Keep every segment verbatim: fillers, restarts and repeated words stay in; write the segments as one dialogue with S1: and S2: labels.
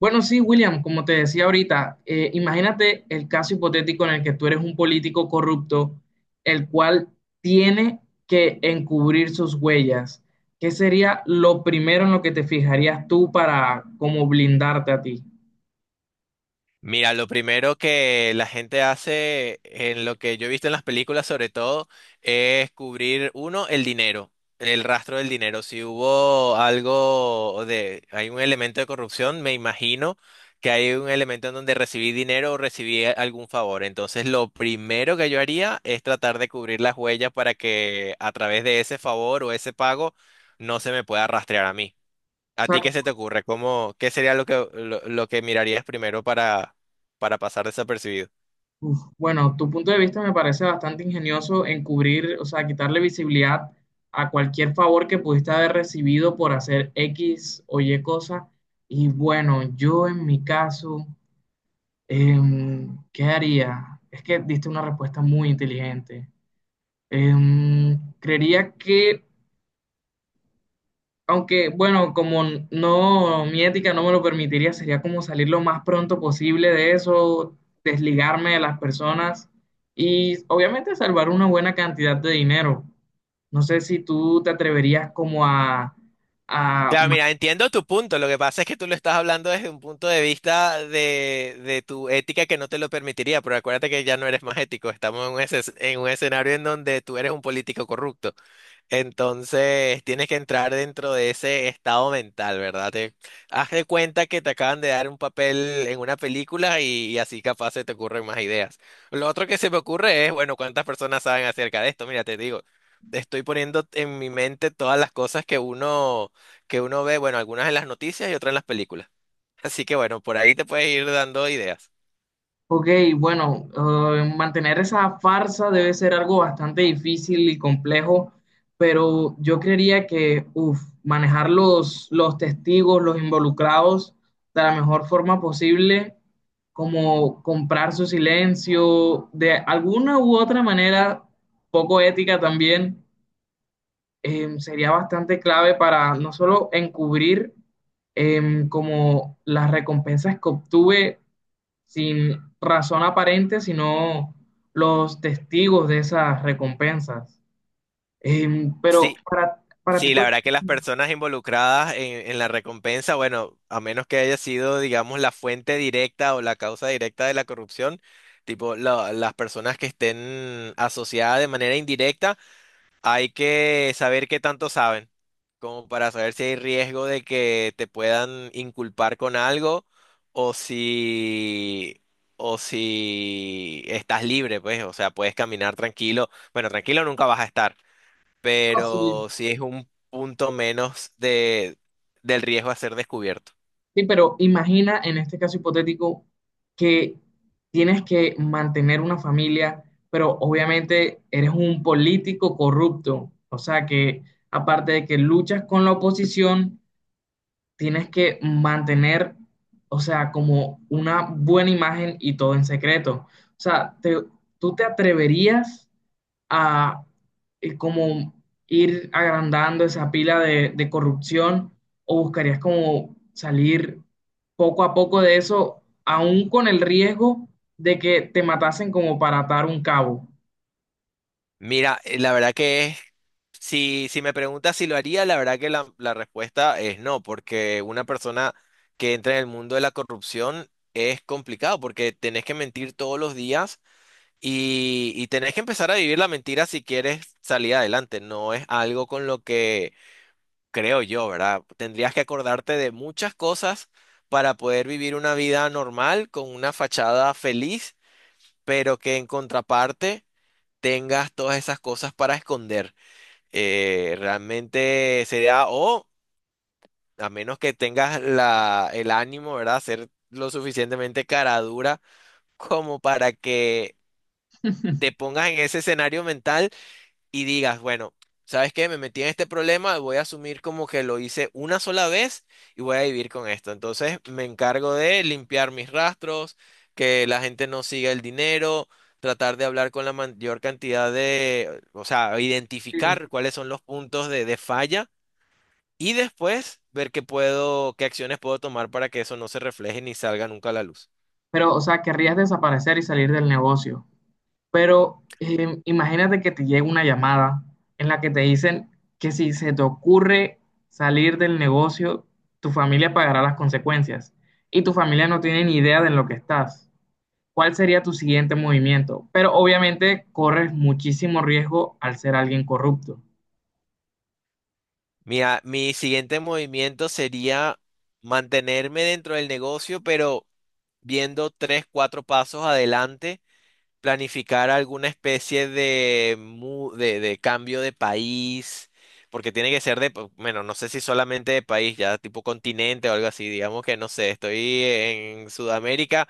S1: Bueno, sí, William, como te decía ahorita, eh, imagínate el caso hipotético en el que tú eres un político corrupto, el cual tiene que encubrir sus huellas. ¿Qué sería lo primero en lo que te fijarías tú para como blindarte a ti?
S2: Mira, lo primero que la gente hace en lo que yo he visto en las películas sobre todo es cubrir, uno, el dinero, el rastro del dinero. Si hubo algo de, hay un elemento de corrupción, me imagino que hay un elemento en donde recibí dinero o recibí a- algún favor. Entonces, lo primero que yo haría es tratar de cubrir las huellas para que a través de ese favor o ese pago no se me pueda rastrear a mí. ¿A
S1: O sea,
S2: ti qué se te ocurre? ¿Cómo, qué sería lo que, lo, lo que mirarías primero para, para pasar desapercibido?
S1: uf, bueno, tu punto de vista me parece bastante ingenioso encubrir, o sea, quitarle visibilidad a cualquier favor que pudiste haber recibido por hacer X o Y cosa. Y bueno, yo en mi caso... Em, ¿qué haría? Es que diste una respuesta muy inteligente. Em, creería que, aunque, bueno, como n- no, mi ética no me lo permitiría, sería como salir lo más pronto posible de eso, desligarme de las personas y obviamente salvar una buena cantidad de dinero. No sé si tú te atreverías como a, a
S2: Claro, mira, entiendo tu punto. Lo que pasa es que tú lo estás hablando desde un punto de vista de, de tu ética que no te lo permitiría, pero acuérdate que ya no eres más ético. Estamos en un, esce- en un escenario en donde tú eres un político corrupto. Entonces tienes que entrar dentro de ese estado mental, ¿verdad? Te, haz de cuenta que te acaban de dar un papel en una película y, y así capaz se te ocurren más ideas. Lo otro que se me ocurre es, bueno, ¿cuántas personas saben acerca de esto? Mira, te digo, estoy poniendo en mi mente todas las cosas que uno, que uno ve, bueno, algunas en las noticias y otras en las películas. Así que bueno, por ahí te puedes ir dando ideas.
S1: Ok, bueno, eh, mantener esa farsa debe ser algo bastante difícil y complejo, pero yo creería que, uf, manejar los, los testigos, los involucrados de la mejor forma posible, como comprar su silencio, de alguna u otra manera, poco ética también, eh, sería bastante clave para no solo encubrir em, como las recompensas que obtuve sin razón aparente, sino los testigos de esas recompensas. Eh, pero
S2: Sí,
S1: para, para ti,
S2: sí, la
S1: ¿cuál
S2: verdad que
S1: es
S2: las
S1: el
S2: personas involucradas en, en la recompensa, bueno, a menos que haya sido, digamos, la fuente directa o la causa directa de la corrupción, tipo la- las personas que estén asociadas de manera indirecta, hay que saber qué tanto saben, como para saber si hay riesgo de que te puedan inculpar con algo o si, o si estás libre, pues, o sea, puedes caminar tranquilo. Bueno, tranquilo nunca vas a estar,
S1: costo? Sí,
S2: pero sí es un punto menos de, del riesgo a ser descubierto.
S1: sí, pero imagina en este caso hipotético que tienes que mantener una familia, pero obviamente eres un político corrupto, o sea que aparte de que luchas con la oposición, tienes que mantener, o sea, como una buena imagen y todo en secreto. O sea, te- tú te atreverías a eh, como ir agrandando esa pila de, de corrupción o buscarías como salir poco a poco de eso, aún con el riesgo de que te matasen como para atar un cabo.
S2: Mira, eh, la verdad que es, si, si me preguntas si lo haría, la verdad que la, la respuesta es no, porque una persona que entra en el mundo de la corrupción es complicado, porque tenés que mentir todos los días y, y tenés que empezar a vivir la mentira si quieres salir adelante. No es algo con lo que creo yo, ¿verdad? Tendrías que acordarte de muchas cosas para poder vivir una vida normal, con una fachada feliz, pero que en contraparte tengas todas esas cosas para esconder. Eh, realmente sería, o a menos que tengas la, el ánimo, ¿verdad? Ser lo suficientemente cara dura como para que te pongas en ese escenario mental y digas, bueno, ¿sabes qué? Me metí en este problema, voy a asumir como que lo hice una sola vez y voy a vivir con esto. Entonces me encargo de limpiar mis rastros, que la gente no siga el dinero, tratar de hablar con la mayor cantidad de, o sea,
S1: Digo,
S2: identificar cuáles son los puntos de, de falla y después ver qué puedo, qué acciones puedo tomar para que eso no se refleje ni salga nunca a la luz.
S1: pero, o sea, querrías desaparecer y salir del negocio. Pero eh, imagínate que te llega una llamada en la que te dicen que si se te ocurre salir del negocio, tu familia pagará las consecuencias y tu familia no tiene ni idea de en lo que estás. ¿Cuál sería tu siguiente movimiento? Pero obviamente corres muchísimo riesgo al ser alguien corrupto.
S2: Mi, a- mi siguiente movimiento sería mantenerme dentro del negocio, pero viendo tres, cuatro pasos adelante, planificar alguna especie de, mu- de, de cambio de país, porque tiene que ser de, po- bueno, no sé si solamente de país, ya tipo continente o algo así, digamos que no sé, estoy en Sudamérica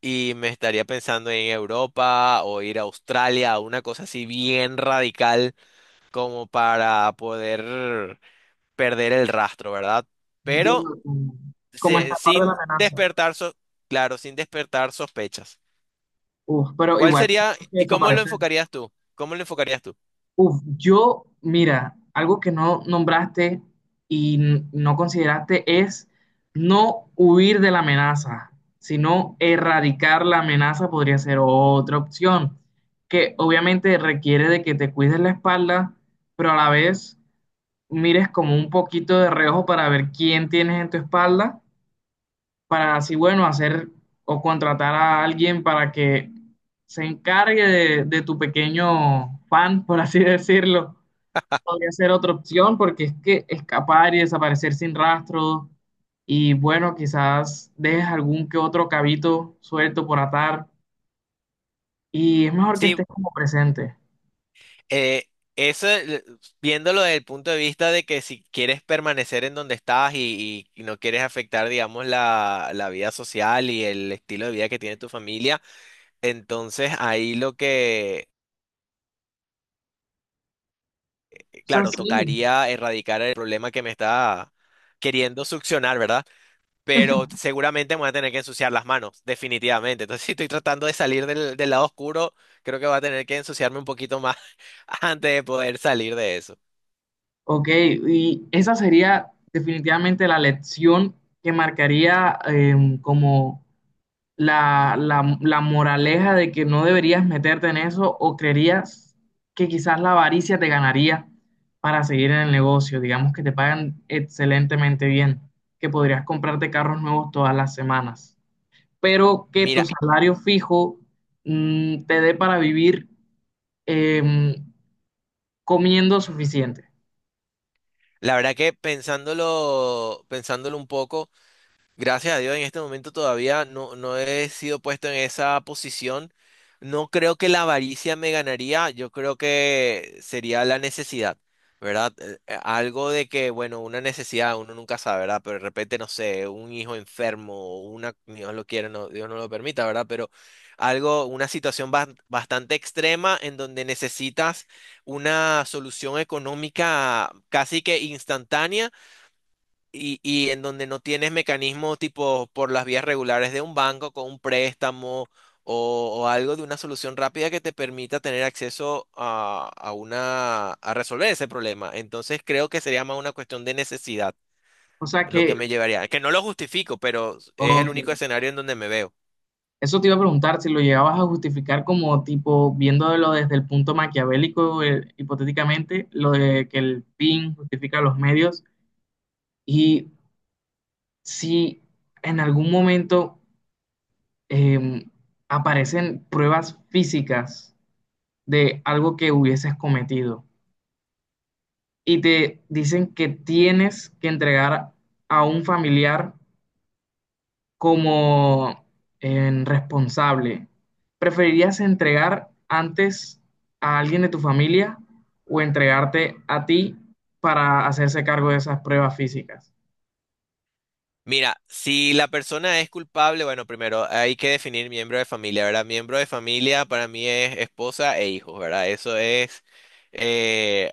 S2: y me estaría pensando en Europa o ir a Australia, una cosa así bien radical como para poder perder el rastro, ¿verdad? Pero
S1: Entiendo como, como esta
S2: se-
S1: parte de la
S2: sin
S1: amenaza.
S2: despertar, so- claro, sin despertar sospechas.
S1: Uf, pero
S2: ¿Cuál
S1: igual
S2: sería
S1: tienes que
S2: y cómo lo
S1: desaparecer.
S2: enfocarías tú? ¿Cómo lo enfocarías tú?
S1: Uf, yo, mira, algo que no nombraste y n- no consideraste es no huir de la amenaza, sino erradicar la amenaza podría ser otra opción, que obviamente requiere de que te cuides la espalda, pero a la vez mires como un poquito de reojo para ver quién tienes en tu espalda, para así, bueno, hacer o contratar a alguien para que se encargue de, de tu pequeño fan, por así decirlo podría ser otra opción porque es que escapar y desaparecer sin rastro y bueno, quizás dejes algún que otro cabito suelto por atar y es mejor que
S2: Sí,
S1: estés como presente.
S2: eh, eso, eh, viéndolo desde el punto de vista de que si quieres permanecer en donde estás y, y- y no quieres afectar, digamos, la, la vida social y el estilo de vida que tiene tu familia, entonces ahí lo que,
S1: O sea,
S2: claro,
S1: sí.
S2: tocaría erradicar el problema que me está queriendo succionar, ¿verdad? Pero seguramente me voy a tener que ensuciar las manos, definitivamente. Entonces, si estoy tratando de salir del, del lado oscuro, creo que voy a tener que ensuciarme un poquito más antes de poder salir de eso.
S1: Ok, ¿y esa sería definitivamente la lección que marcaría em, como la, la- la moraleja de que no deberías meterte en eso o creerías que quizás la avaricia te ganaría para seguir en el negocio? Digamos que te pagan excelentemente bien, que podrías comprarte carros nuevos todas las semanas, pero que tu
S2: Mira,
S1: salario fijo mm, te dé para vivir em, comiendo suficiente.
S2: la verdad que pensándolo, pensándolo un poco. Gracias a Dios, en este momento todavía no, no he sido puesto en esa posición. No creo que la avaricia me ganaría, yo creo que sería la necesidad, ¿verdad? Eh, eh, Algo de que, bueno, una necesidad, uno nunca sabe, ¿verdad? Pero de repente, no sé, un hijo enfermo, o una, Dios lo quiera, no, Dios no lo permita, ¿verdad? Pero algo, una situación bas- bastante extrema en donde necesitas una solución económica casi que instantánea y, y en donde no tienes mecanismos tipo por las vías regulares de un banco con un préstamo o, o algo de una solución rápida que te permita tener acceso a, a una, a resolver ese problema. Entonces creo que sería más una cuestión de necesidad
S1: O sea
S2: lo
S1: que,
S2: que me llevaría. Que no lo justifico, pero es el
S1: ok,
S2: único escenario en donde me veo.
S1: eso te iba a preguntar si lo llegabas a justificar como tipo viéndolo desde el punto maquiavélico, eh, hipotéticamente, lo de que el fin justifica los medios y si en algún momento eh, aparecen pruebas físicas de algo que hubieses cometido y te dicen que tienes que entregar a un familiar como en responsable, ¿preferirías entregar antes a alguien de tu familia o entregarte a ti para hacerse cargo de esas pruebas físicas?
S2: Mira, si la persona es culpable, bueno, primero hay que definir miembro de familia, ¿verdad? Miembro de familia para mí es esposa e hijos, ¿verdad? Eso es eh,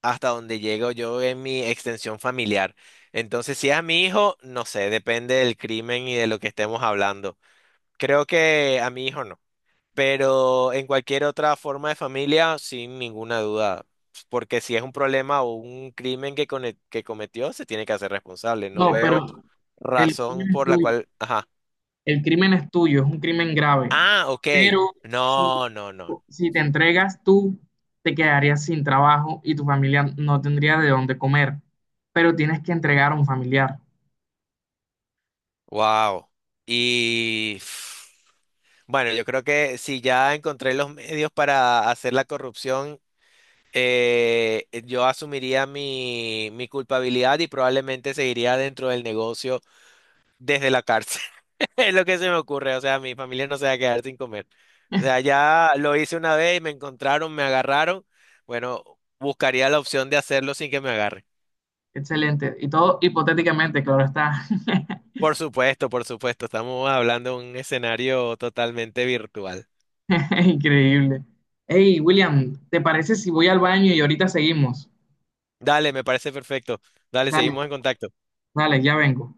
S2: hasta donde llego yo en mi extensión familiar. Entonces, si es a mi hijo, no sé, depende del crimen y de lo que estemos hablando. Creo que a mi hijo no, pero en cualquier otra forma de familia, sin ninguna duda, porque si es un problema o un crimen que, cone- que cometió, se tiene que hacer responsable. No
S1: No,
S2: veo
S1: pero el
S2: razón
S1: crimen es
S2: por la
S1: tuyo,
S2: cual... Ajá.
S1: el crimen es tuyo, es un crimen grave,
S2: Ah, ok.
S1: pero si,
S2: No, no, no.
S1: si te entregas tú, te quedarías sin trabajo y tu familia no tendría de dónde comer, pero tienes que entregar a un familiar.
S2: Wow. Y pf, bueno, yo creo que si ya encontré los medios para hacer la corrupción, eh, yo asumiría mi, mi culpabilidad y probablemente seguiría dentro del negocio desde la cárcel. Es lo que se me ocurre. O sea, mi familia no se va a quedar sin comer. O sea, ya lo hice una vez y me encontraron, me agarraron. Bueno, buscaría la opción de hacerlo sin que me agarren.
S1: Excelente. Y todo hipotéticamente, claro está.
S2: Por supuesto, por supuesto. Estamos hablando de un escenario totalmente virtual.
S1: Increíble. Hey, William, ¿te parece si voy al baño y ahorita seguimos?
S2: Dale, me parece perfecto. Dale,
S1: Dale,
S2: seguimos en contacto.
S1: dale, ya vengo.